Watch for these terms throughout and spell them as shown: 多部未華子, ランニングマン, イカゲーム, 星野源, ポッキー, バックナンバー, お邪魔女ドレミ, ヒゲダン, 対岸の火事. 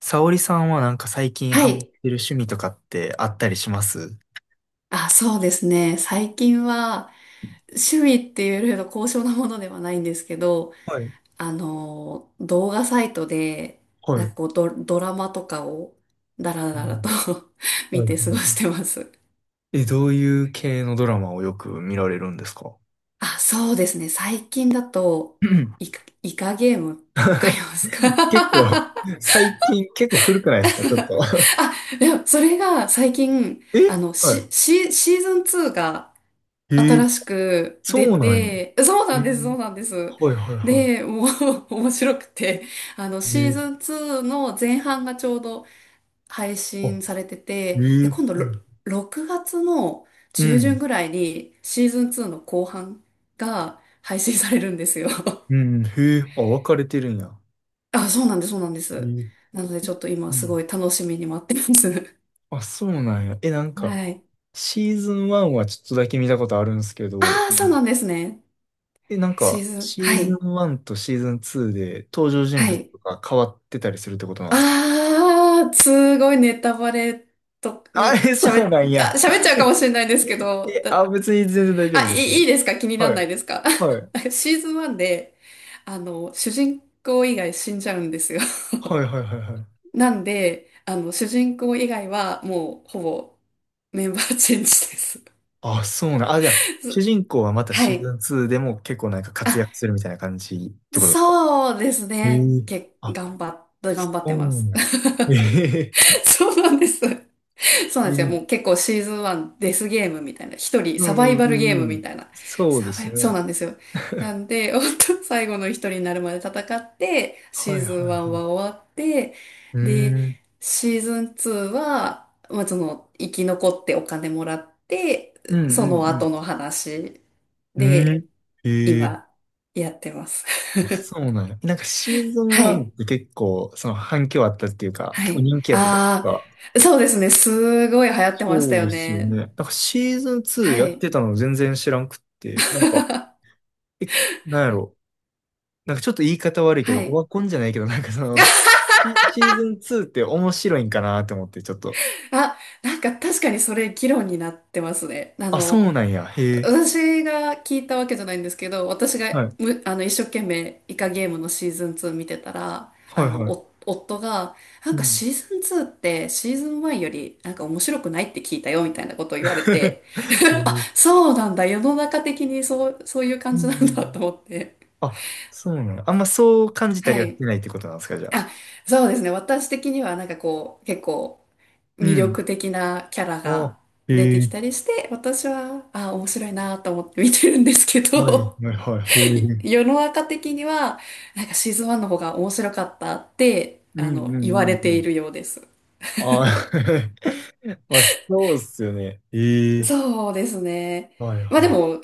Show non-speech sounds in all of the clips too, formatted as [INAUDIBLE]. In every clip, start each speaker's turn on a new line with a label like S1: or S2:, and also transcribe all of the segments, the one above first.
S1: 沙織さんはなんか最近
S2: は
S1: ハマっ
S2: い。
S1: てる趣味とかってあったりします？
S2: あ、そうですね。最近は趣味っていうよりの高尚なものではないんですけど、
S1: はい、
S2: 動画サイトで、
S1: はい、
S2: なん
S1: は
S2: か
S1: い。
S2: こうド、ドラマとかをダラ
S1: う
S2: ダラと
S1: ん。
S2: [LAUGHS] 見
S1: はい。は
S2: て
S1: い
S2: 過
S1: は
S2: ごして
S1: い。
S2: ます。
S1: え、どういう系のドラマをよく見られるんですか？
S2: あ、そうですね。最近だと、
S1: うん。
S2: イカゲームってわかりま
S1: [CLEARS THROAT]
S2: すか？
S1: [LAUGHS] 結構、
S2: [LAUGHS]
S1: 最近結構古くないですか、ちょっと。
S2: あ、でもそれが最近、
S1: [LAUGHS] え、は
S2: シーズン2が
S1: い。えー、
S2: 新しく
S1: そ
S2: 出
S1: うなんや。
S2: て、そう
S1: え
S2: なんです、そ
S1: ー、
S2: うなんです。
S1: はい、はい、は
S2: で、もう [LAUGHS] 面白くて、あの、
S1: い。え
S2: シー
S1: ー、
S2: ズン2の前半がちょうど配
S1: あ、
S2: 信されて
S1: え
S2: て、で、
S1: ー、
S2: 今度
S1: はい、
S2: ろ6月の
S1: う
S2: 中旬
S1: ん。
S2: ぐらいにシーズン2の後半が配信されるんですよ。[LAUGHS]
S1: うん。へえ、あ、分かれてるんや。
S2: あ、そうなんです、そうなんで
S1: え
S2: す。
S1: ー、
S2: なのでちょ
S1: え、
S2: っと今
S1: う
S2: すご
S1: ん。
S2: い楽しみに待ってます。
S1: あ、そうなんや。え、なん
S2: [LAUGHS]
S1: か、
S2: はい。
S1: シーズン1はちょっとだけ見たことあるんですけ
S2: あ
S1: ど、
S2: あ、
S1: う
S2: そう
S1: ん。
S2: なんですね。
S1: え、なん
S2: シー
S1: か、
S2: ズン、
S1: シー
S2: は
S1: ズ
S2: い、
S1: ン1とシーズン2で登場人
S2: は
S1: 物
S2: い。
S1: とか変わってたりするってことなんですか？
S2: ああ、すごいネタバレと
S1: あ
S2: に
S1: れ、
S2: 喋
S1: そう
S2: っ、
S1: なん
S2: あ、
S1: や。
S2: 喋っちゃうかもしれないんですけど、
S1: え、あ、別に全然大丈夫
S2: あ、
S1: です
S2: い
S1: ね。
S2: いですか？気にな
S1: は
S2: らない
S1: い。
S2: ですか？
S1: はい。
S2: [LAUGHS] シーズン1で、あの、主人公以外死んじゃうんですよ。[LAUGHS]
S1: はいはいはいはい。
S2: なんで、あの、主人公以外はもうほぼメンバーチェンジです。
S1: あ、そうなん。あ、じゃあ、
S2: [LAUGHS]
S1: 主
S2: す
S1: 人公はまた
S2: は
S1: シー
S2: い。
S1: ズン2でも結構なんか活躍
S2: あ、
S1: するみたいな感じってことですか？
S2: そうです
S1: え
S2: ね。
S1: え、
S2: け、
S1: あ、
S2: 頑張っ、頑張っ
S1: そ
S2: てま
S1: う
S2: す。
S1: なん。ええ
S2: [LAUGHS] そうなんです。[LAUGHS] そうな
S1: え
S2: んですよ。
S1: え、
S2: もう結構シーズン1、デスゲームみたいな。一人
S1: う
S2: サ
S1: ん
S2: バイ
S1: うん
S2: バルゲー
S1: う
S2: ム
S1: んう
S2: み
S1: ん。
S2: たいな。
S1: そうで
S2: サバ
S1: す
S2: イ、そう
S1: ね。
S2: なんですよ。なんで、[LAUGHS] 本当最後の一人になるまで戦って、
S1: は
S2: シ
S1: い
S2: ーズン
S1: はいは
S2: 1
S1: い。
S2: は終わって、
S1: うー
S2: で、
S1: ん。
S2: シーズン2は、まあ、その、生き残ってお金もらって、
S1: うん
S2: その
S1: うん
S2: 後の話
S1: うん。うー
S2: で、
S1: ん。ええ。
S2: 今、やってます。
S1: そうなんや。なんかシーズ
S2: [LAUGHS]
S1: ン
S2: は
S1: 1っ
S2: い。
S1: て結構、その反響あったっていうか、
S2: は
S1: 結構
S2: い。
S1: 人気やったじゃないです
S2: あ
S1: か。
S2: あ、そうですね。すごい流行ってまし
S1: そ
S2: た
S1: う
S2: よ
S1: ですよね。
S2: ね。
S1: なんかシーズン2
S2: は
S1: やっ
S2: い。
S1: てたの全然知らんくって、なんか、
S2: [LAUGHS]
S1: え、なんやろ。なんかちょっと言い方悪いけど、
S2: は
S1: オ
S2: い。
S1: ワコンじゃないけど、なんかその、シーズン2って面白いんかなって思って、ちょっと。
S2: [LAUGHS] あ、なんか確かにそれ議論になってますね。あ
S1: あ、そ
S2: の、
S1: うなんや。へえ。
S2: 私が聞いたわけじゃないんですけど、私が
S1: はい。
S2: む、あの、一生懸命イカゲームのシーズン2見てたら、あ
S1: はい
S2: の、
S1: はい。
S2: お夫が、なん
S1: う
S2: か
S1: ん。
S2: シーズン2ってシーズン1よりなんか面白くないって聞いたよみたいなことを言われて、
S1: [LAUGHS] う
S2: [LAUGHS] あ、
S1: ん
S2: そうなんだ。世の中的にそういう
S1: う
S2: 感じな
S1: んう
S2: んだと
S1: ん。
S2: 思って。
S1: あ、そうなの。あんまそう感じた
S2: は
S1: りはし
S2: い。
S1: てないってことなんですか、じゃあ。
S2: あ、そうですね。私的にはなんかこう、結構、
S1: う
S2: 魅力
S1: ん。
S2: 的なキャラ
S1: あ、
S2: が出
S1: へ
S2: てき
S1: え、
S2: たりして、私は、あ、面白いなと思って見てるんですけ
S1: はい、
S2: ど、
S1: はい、はい、へ
S2: [LAUGHS]
S1: え。
S2: 世の中的には、なんかシーズン1の方が面白かったって、
S1: うん、
S2: あ
S1: うん、
S2: の、
S1: う
S2: 言わ
S1: ん、
S2: れ
S1: う
S2: てい
S1: ん。
S2: るようです。
S1: あー。 [LAUGHS] まあ、そうっすよね。ええ、
S2: そうですね。
S1: はい
S2: まあ
S1: は
S2: で
S1: い。
S2: も、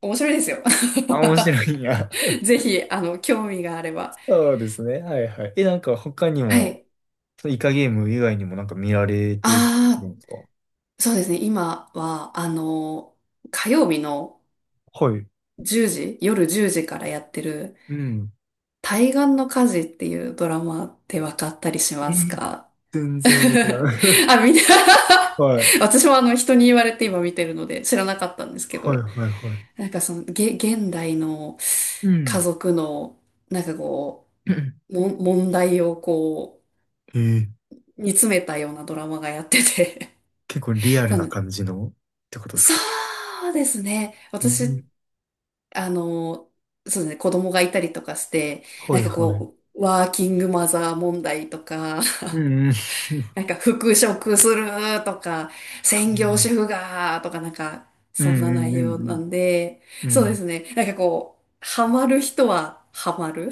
S2: 面白いですよ。
S1: あ、面白いんや。
S2: [LAUGHS]
S1: [LAUGHS]
S2: ぜひ、あの、興味があれば。
S1: そうですね。はいはい。え、なんか他に
S2: は
S1: も、
S2: い。
S1: そのイカゲーム以外にもなんか見られてる
S2: あ
S1: んですか？
S2: あ、そうですね。今は、あの、火曜日の
S1: はい。
S2: 1時、夜10時からやってる
S1: うん。
S2: 対岸の火事っていうドラマって分かったりし
S1: え
S2: ます
S1: ー、
S2: か？
S1: 全然わからん。
S2: [LAUGHS]
S1: [LAUGHS]
S2: あ、みんな
S1: は
S2: [LAUGHS]
S1: い。
S2: 私もあの人に言われて今見てるので知らなかったんですけ
S1: はい
S2: ど、
S1: はいはい。
S2: なんかその、現代の
S1: う
S2: 家
S1: ん。
S2: 族の、なんかこう、
S1: [CLEARS THROAT]
S2: 問題をこ
S1: えー、
S2: う、煮詰めたようなドラマがやってて
S1: 結構リア
S2: [LAUGHS]
S1: ル
S2: そ
S1: な
S2: の
S1: 感じのってことです
S2: そ
S1: か？
S2: うですね。
S1: う
S2: 私、
S1: ん。
S2: あの、そうですね、子供がいたりとかして、な
S1: は
S2: ん
S1: い
S2: か
S1: はい。
S2: こう、ワーキングマザー問題とか、
S1: うんうん。
S2: なんか復職するとか、専業
S1: [LAUGHS]
S2: 主婦がとかなんか、
S1: う
S2: そ
S1: ん
S2: ん
S1: う
S2: な
S1: ん
S2: 内
S1: う
S2: 容な
S1: ん
S2: んで、
S1: うん。う
S2: そうで
S1: ん。
S2: すね。なんかこう、ハマる人はハマる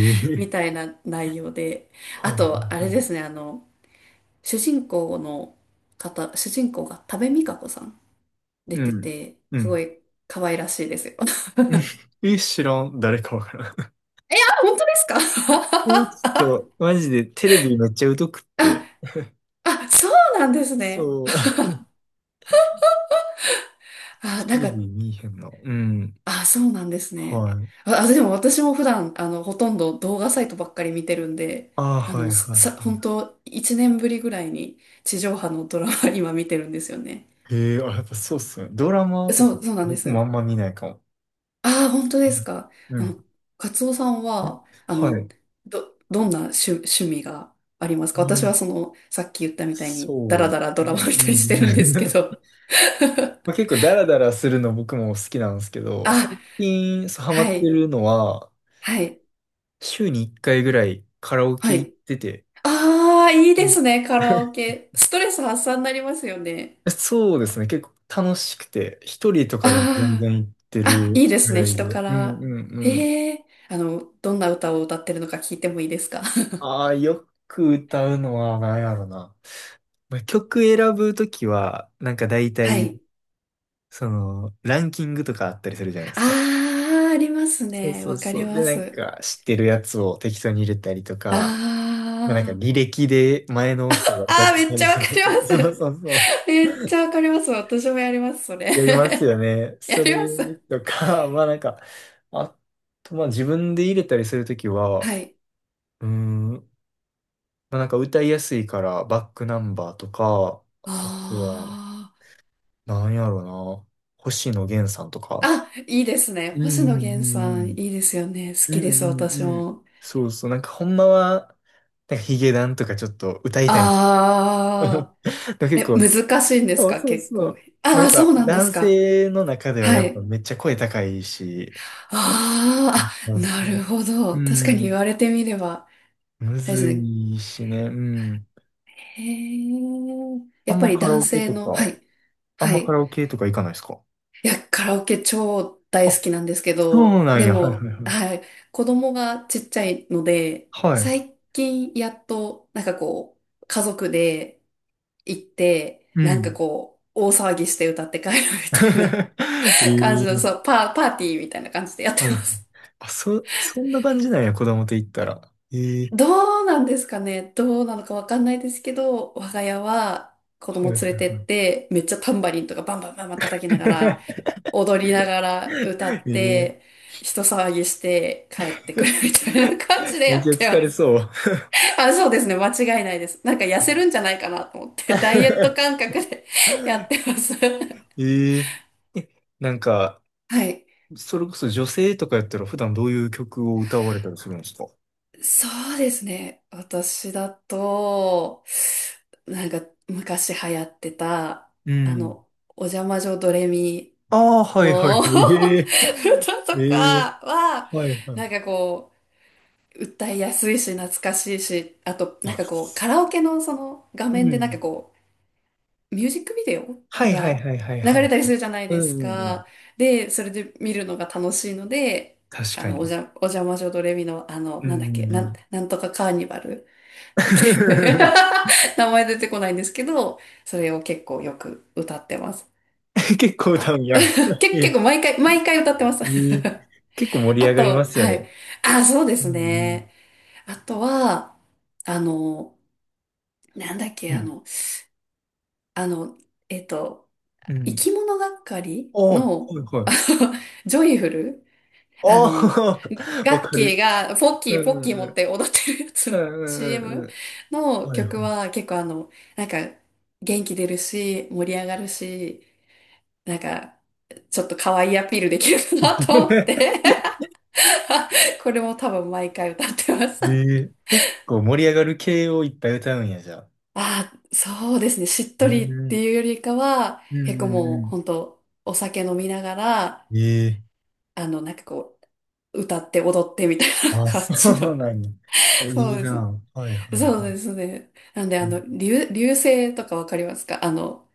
S2: [LAUGHS] み
S1: え、
S2: たいな内容で。
S1: は
S2: あ
S1: いはい
S2: と、あ
S1: は
S2: れ
S1: い。
S2: ですね、あの、主人公の主人公が多部未華子さん出
S1: う
S2: て
S1: ん。
S2: て、
S1: う
S2: す
S1: ん。
S2: ごい可愛らしいですよ。[LAUGHS]
S1: え、知らん。誰かわからん。[LAUGHS]
S2: あ、本当ですか？
S1: え、ちょっと、マジでテレビめっちゃ疎くっ
S2: [LAUGHS] あ、
S1: て。
S2: あ、そうなんですね。
S1: そう。
S2: あ、
S1: [LAUGHS] テ
S2: なん
S1: レ
S2: か
S1: ビ見えへんな。うん。
S2: あ、そうなんですね。
S1: はい。
S2: あ、あでも私も普段、あの、ほとんど動画サイトばっかり見てるんで、
S1: ああ、
S2: あ
S1: はい
S2: の、
S1: はい
S2: 本
S1: は
S2: 当1年ぶりぐらいに地上波のドラマ [LAUGHS] 今見てるんですよね。
S1: い。へえ、あ、やっぱそうっすね。ドラマとか
S2: そ
S1: も
S2: う、そうなんで
S1: 僕もあ
S2: す。
S1: んま見ないかも。
S2: ああ、本当
S1: う
S2: です
S1: ん。
S2: か。
S1: う
S2: あ
S1: ん。
S2: の、カツオさんは、あ
S1: は
S2: の、
S1: い。
S2: どんな趣味があります
S1: あ
S2: か？私はそ
S1: あ。
S2: の、さっき言ったみたいに、ダ
S1: そう
S2: ラ
S1: で
S2: ダラ
S1: す
S2: ドラマ
S1: ね。
S2: 見たり
S1: う
S2: し
S1: ん。
S2: てるんですけど。
S1: [LAUGHS]
S2: [LAUGHS]
S1: まあ、結構ダラダラするの僕も好きなんですけど、最
S2: あ、
S1: 近そうハマ
S2: は
S1: って
S2: い、
S1: るのは、
S2: はい、
S1: 週に1回ぐらいカラオケ
S2: は
S1: 行っ
S2: い。
S1: てて、
S2: ああ、いい
S1: う
S2: で
S1: ん。
S2: すね、カラオ
S1: [LAUGHS]
S2: ケ。ストレス発散になりますよね。
S1: そうですね。結構楽しくて、一人とかでも全
S2: あ
S1: 然行って
S2: あ、あ、いい
S1: る
S2: で
S1: ぐ
S2: すね、
S1: らい
S2: 人
S1: で。
S2: か
S1: うん
S2: ら。
S1: うんうん。
S2: ええ、あの、どんな歌を歌ってるのか聞いてもいいですか？
S1: ああ、よく歌うのは何やろな。まあ曲選ぶときは、なんか大
S2: [LAUGHS] は
S1: 体、
S2: い。
S1: その、ランキングとかあったりするじゃないですか。
S2: ああ、あります
S1: そう
S2: ね。
S1: そう
S2: わか
S1: そ
S2: り
S1: う。
S2: ま
S1: で、なん
S2: す。
S1: か、知ってるやつを適当に入れたりと
S2: あ
S1: か、まあ、なんか、
S2: あ、
S1: 履歴で前の人が歌っ
S2: ああ、
S1: て
S2: めっ
S1: た
S2: ち
S1: り
S2: ゃわ
S1: す
S2: か
S1: ると、[LAUGHS] そ
S2: ります。
S1: うそうそう。
S2: [LAUGHS] めっちゃわかります。私もやります、そ
S1: やりますよ
S2: れ。
S1: ね、
S2: [LAUGHS] や
S1: それ
S2: ります。
S1: とか。[LAUGHS] まあなんか、あと、まあ自分で入れたりするときは、
S2: はい。
S1: うーん、まあなんか歌いやすいからバックナンバーとか、あとは、
S2: あ
S1: なんやろな、星野源さんとか。
S2: ああ、いいですね。
S1: う
S2: 星野
S1: んうん
S2: 源
S1: うん
S2: さ
S1: う
S2: ん、い
S1: ん。
S2: いですよね。好
S1: う
S2: きです、
S1: んう
S2: 私
S1: んうん。
S2: も。
S1: そうそう。なんかほんまは、なんかヒゲダンとかちょっと歌いたい。
S2: ああ、
S1: [LAUGHS] で結
S2: え、
S1: 構、
S2: 難しいんです
S1: そう
S2: か、
S1: そう
S2: 結
S1: そ
S2: 構。
S1: う。まあ
S2: あ
S1: やっ
S2: あ、そ
S1: ぱ
S2: うなんです
S1: 男
S2: か。
S1: 性の中では
S2: は
S1: やっぱ
S2: い。
S1: めっちゃ声高いし、
S2: あ
S1: そ
S2: ーあ、
S1: うそ
S2: なるほ
S1: う。う
S2: ど。確かに言
S1: ん。
S2: われてみれば、
S1: む
S2: あれです
S1: ず
S2: ね。
S1: いしね。うん。
S2: へえ、
S1: あ
S2: やっ
S1: ん
S2: ぱ
S1: ま
S2: り
S1: カラ
S2: 男
S1: オケ
S2: 性
S1: と
S2: の、は
S1: か、
S2: い、
S1: あん
S2: は
S1: まカ
S2: い。
S1: ラオケとか行かないですか？
S2: いや、カラオケ超大
S1: あ、
S2: 好きなんですけ
S1: そう
S2: ど、
S1: なん
S2: で
S1: や。はいはい
S2: も、
S1: はい。
S2: はい、子供がちっちゃいので、
S1: はい。
S2: 最近やっと、なんかこう、家族で行って、
S1: う
S2: なんか
S1: ん。
S2: こう、大騒ぎして歌って帰るみたいな
S1: [LAUGHS] へ
S2: 感じの、そ
S1: え、
S2: う、パーティーみたいな感じでやって
S1: は
S2: ま
S1: いはい。
S2: す。
S1: あ、そ、そんな感じなんや、子供と行ったら。へ
S2: [LAUGHS]
S1: え、
S2: どうなんですかね？どうなのかわかんないですけど、我が家は子
S1: はい
S2: 供
S1: はい
S2: 連
S1: は
S2: れてっ
S1: い。
S2: て、めっちゃタンバリンとかバンバンバンバン叩きながら、
S1: [LAUGHS]
S2: 踊りながら歌って、
S1: ええ、
S2: 人騒ぎして帰ってくるみたいな感じで
S1: め
S2: や
S1: っ
S2: っ
S1: ちゃ
S2: て
S1: 疲
S2: ま
S1: れ
S2: す。
S1: そう。
S2: [LAUGHS] あ、そうですね。間違いないです。なんか痩せるんじゃないかなと思って、ダイエット感
S1: [LAUGHS]
S2: 覚で [LAUGHS] やってます。[LAUGHS]
S1: ええ、なんか、
S2: はい。
S1: それこそ女性とかやったら普段どういう曲を歌われたりするんですか？
S2: そうですね。私だと、なんか昔流行ってた、
S1: う
S2: あ
S1: ん。
S2: の、お邪魔女ドレミ
S1: ああ、はいはいは
S2: の [LAUGHS]
S1: い。[LAUGHS]
S2: 歌
S1: え
S2: と
S1: えええ、
S2: かは、
S1: はいはい。
S2: なんかこう、歌いやすいし、懐かしいし、あと、なん
S1: あ、
S2: かこう、
S1: す、
S2: カラオケのその画
S1: う
S2: 面でなんか
S1: ん。
S2: こう、ミュージックビデオ
S1: はいはい
S2: が
S1: はいはい
S2: 流
S1: は
S2: れ
S1: い。
S2: たりするじゃない
S1: う
S2: で
S1: んう
S2: す
S1: んうん。
S2: か。で、それで見るのが楽しいので、
S1: 確
S2: あ
S1: か
S2: の、お
S1: に。
S2: じゃ、お邪魔女ドレミの、あの、
S1: う
S2: なん
S1: ん
S2: だっ
S1: う
S2: け、
S1: んうん。
S2: なんとかカーニバル。だけで
S1: [LAUGHS]
S2: [LAUGHS] 名前出てこないんですけど、それを結構よく歌ってます。
S1: 結構歌う
S2: あ、
S1: んや。[LAUGHS] え
S2: 結構
S1: え
S2: 毎回、毎回歌ってます。
S1: ええ、結構
S2: [LAUGHS]
S1: 盛り
S2: あ
S1: 上がりま
S2: と、
S1: すよ
S2: はい。
S1: ね。
S2: あ、そうで
S1: う
S2: すね。
S1: ん
S2: あとは、あの、なんだっ
S1: う
S2: け、
S1: ん。う
S2: あ
S1: ん。
S2: の、あの、えっと、
S1: う
S2: 生
S1: ん。
S2: き物がっかり
S1: ああ、は
S2: の、
S1: いは
S2: あ
S1: い。
S2: の、ジョイフル、あの、
S1: ああ、[LAUGHS] わ
S2: ガッ
S1: か
S2: キー
S1: る。
S2: がポッ
S1: う
S2: キーポッ
S1: んう
S2: キ
S1: ん
S2: ー
S1: う
S2: 持っ
S1: ん。
S2: て踊ってるやつ
S1: う
S2: の
S1: んうんうん
S2: CM
S1: う
S2: [LAUGHS] の
S1: ん。はい
S2: 曲
S1: はい。
S2: は結構あの、なんか元気出るし、盛り上がるし、なんかちょっと可愛いアピールできるかなと思って
S1: [LAUGHS]
S2: [LAUGHS] これも多分毎回歌ってます。
S1: え
S2: [LAUGHS]
S1: ー、結構盛り上がる系をいっぱい歌うんや、じゃあ。
S2: ああ、そうですね。しっ
S1: う
S2: とりっ
S1: ん、うん
S2: ていうよりかは、
S1: う
S2: 結
S1: ん
S2: 構もう
S1: う
S2: 本当お酒飲みながら、
S1: ん。ええ、
S2: あの、なんかこう、歌って踊ってみたいな
S1: あ、
S2: 感
S1: そ
S2: じの。
S1: うなんや。い
S2: [LAUGHS] そ
S1: い
S2: うです。
S1: な。はいはいは
S2: そうで
S1: い。
S2: すね。なんで、あの、流星とかわかりますか？あの、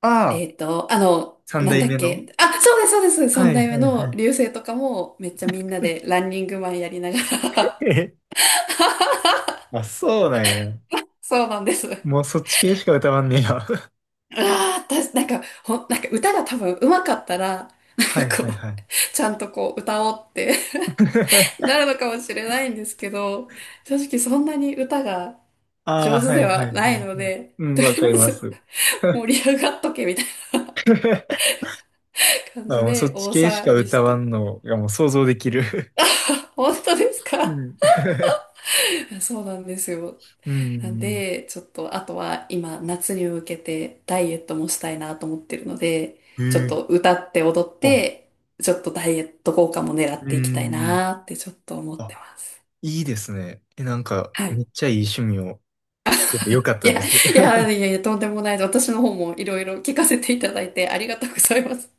S1: ああ、三
S2: なん
S1: 代
S2: だっ
S1: 目の、
S2: け。あ、そうです、そうです。
S1: は
S2: 三
S1: い
S2: 代目
S1: はいは
S2: の
S1: い。
S2: 流星とかも、めっちゃみんなでランニングマンやりなが
S1: [LAUGHS]
S2: ら
S1: え、
S2: [LAUGHS]
S1: あ、そうなんや。
S2: そうなんです。あ
S1: もうそっち系しか歌わんねや。[LAUGHS]
S2: あ、私、なんか、なんか歌が多分上手かったら、
S1: は
S2: なん
S1: い
S2: か
S1: はい
S2: こう、
S1: はい。
S2: ちゃんとこう歌おうって [LAUGHS]
S1: [LAUGHS]
S2: なるのかもしれないんですけど、正直そんなに歌が
S1: あ
S2: 上
S1: あ、
S2: 手
S1: は
S2: で
S1: いはい
S2: は
S1: は
S2: な
S1: いは
S2: い
S1: い。
S2: ので、
S1: うん、
S2: とり
S1: わか
S2: あ
S1: り
S2: え
S1: ま
S2: ず
S1: す。
S2: 盛り上がっとけみたいな
S1: [LAUGHS]
S2: 感
S1: あ、
S2: じ
S1: もうそ
S2: で
S1: っち
S2: 大
S1: 系しか
S2: 騒ぎし
S1: 歌わ
S2: て、
S1: んのがもう想像できる。
S2: 本当です
S1: う
S2: か？
S1: ん。
S2: [LAUGHS] そうなんですよ。
S1: [LAUGHS] う
S2: なん
S1: ん。
S2: で、ちょっと、あとは今、夏に向けてダイエットもしたいなと思ってるので、
S1: え
S2: ちょっ
S1: ー、
S2: と歌って踊っ
S1: あ、
S2: て、ちょっとダイエット効果も狙っ
S1: う
S2: ていきたい
S1: ん。
S2: なってちょっと思って
S1: あ、
S2: ます。
S1: いいですね。え、なんか、
S2: は
S1: め
S2: い。
S1: っちゃいい趣味を聞けてよかっ
S2: い
S1: たで
S2: や、い
S1: す。
S2: や、
S1: [LAUGHS]
S2: いやいや、とんでもないです。私の方もいろいろ聞かせていただいてありがとうございます。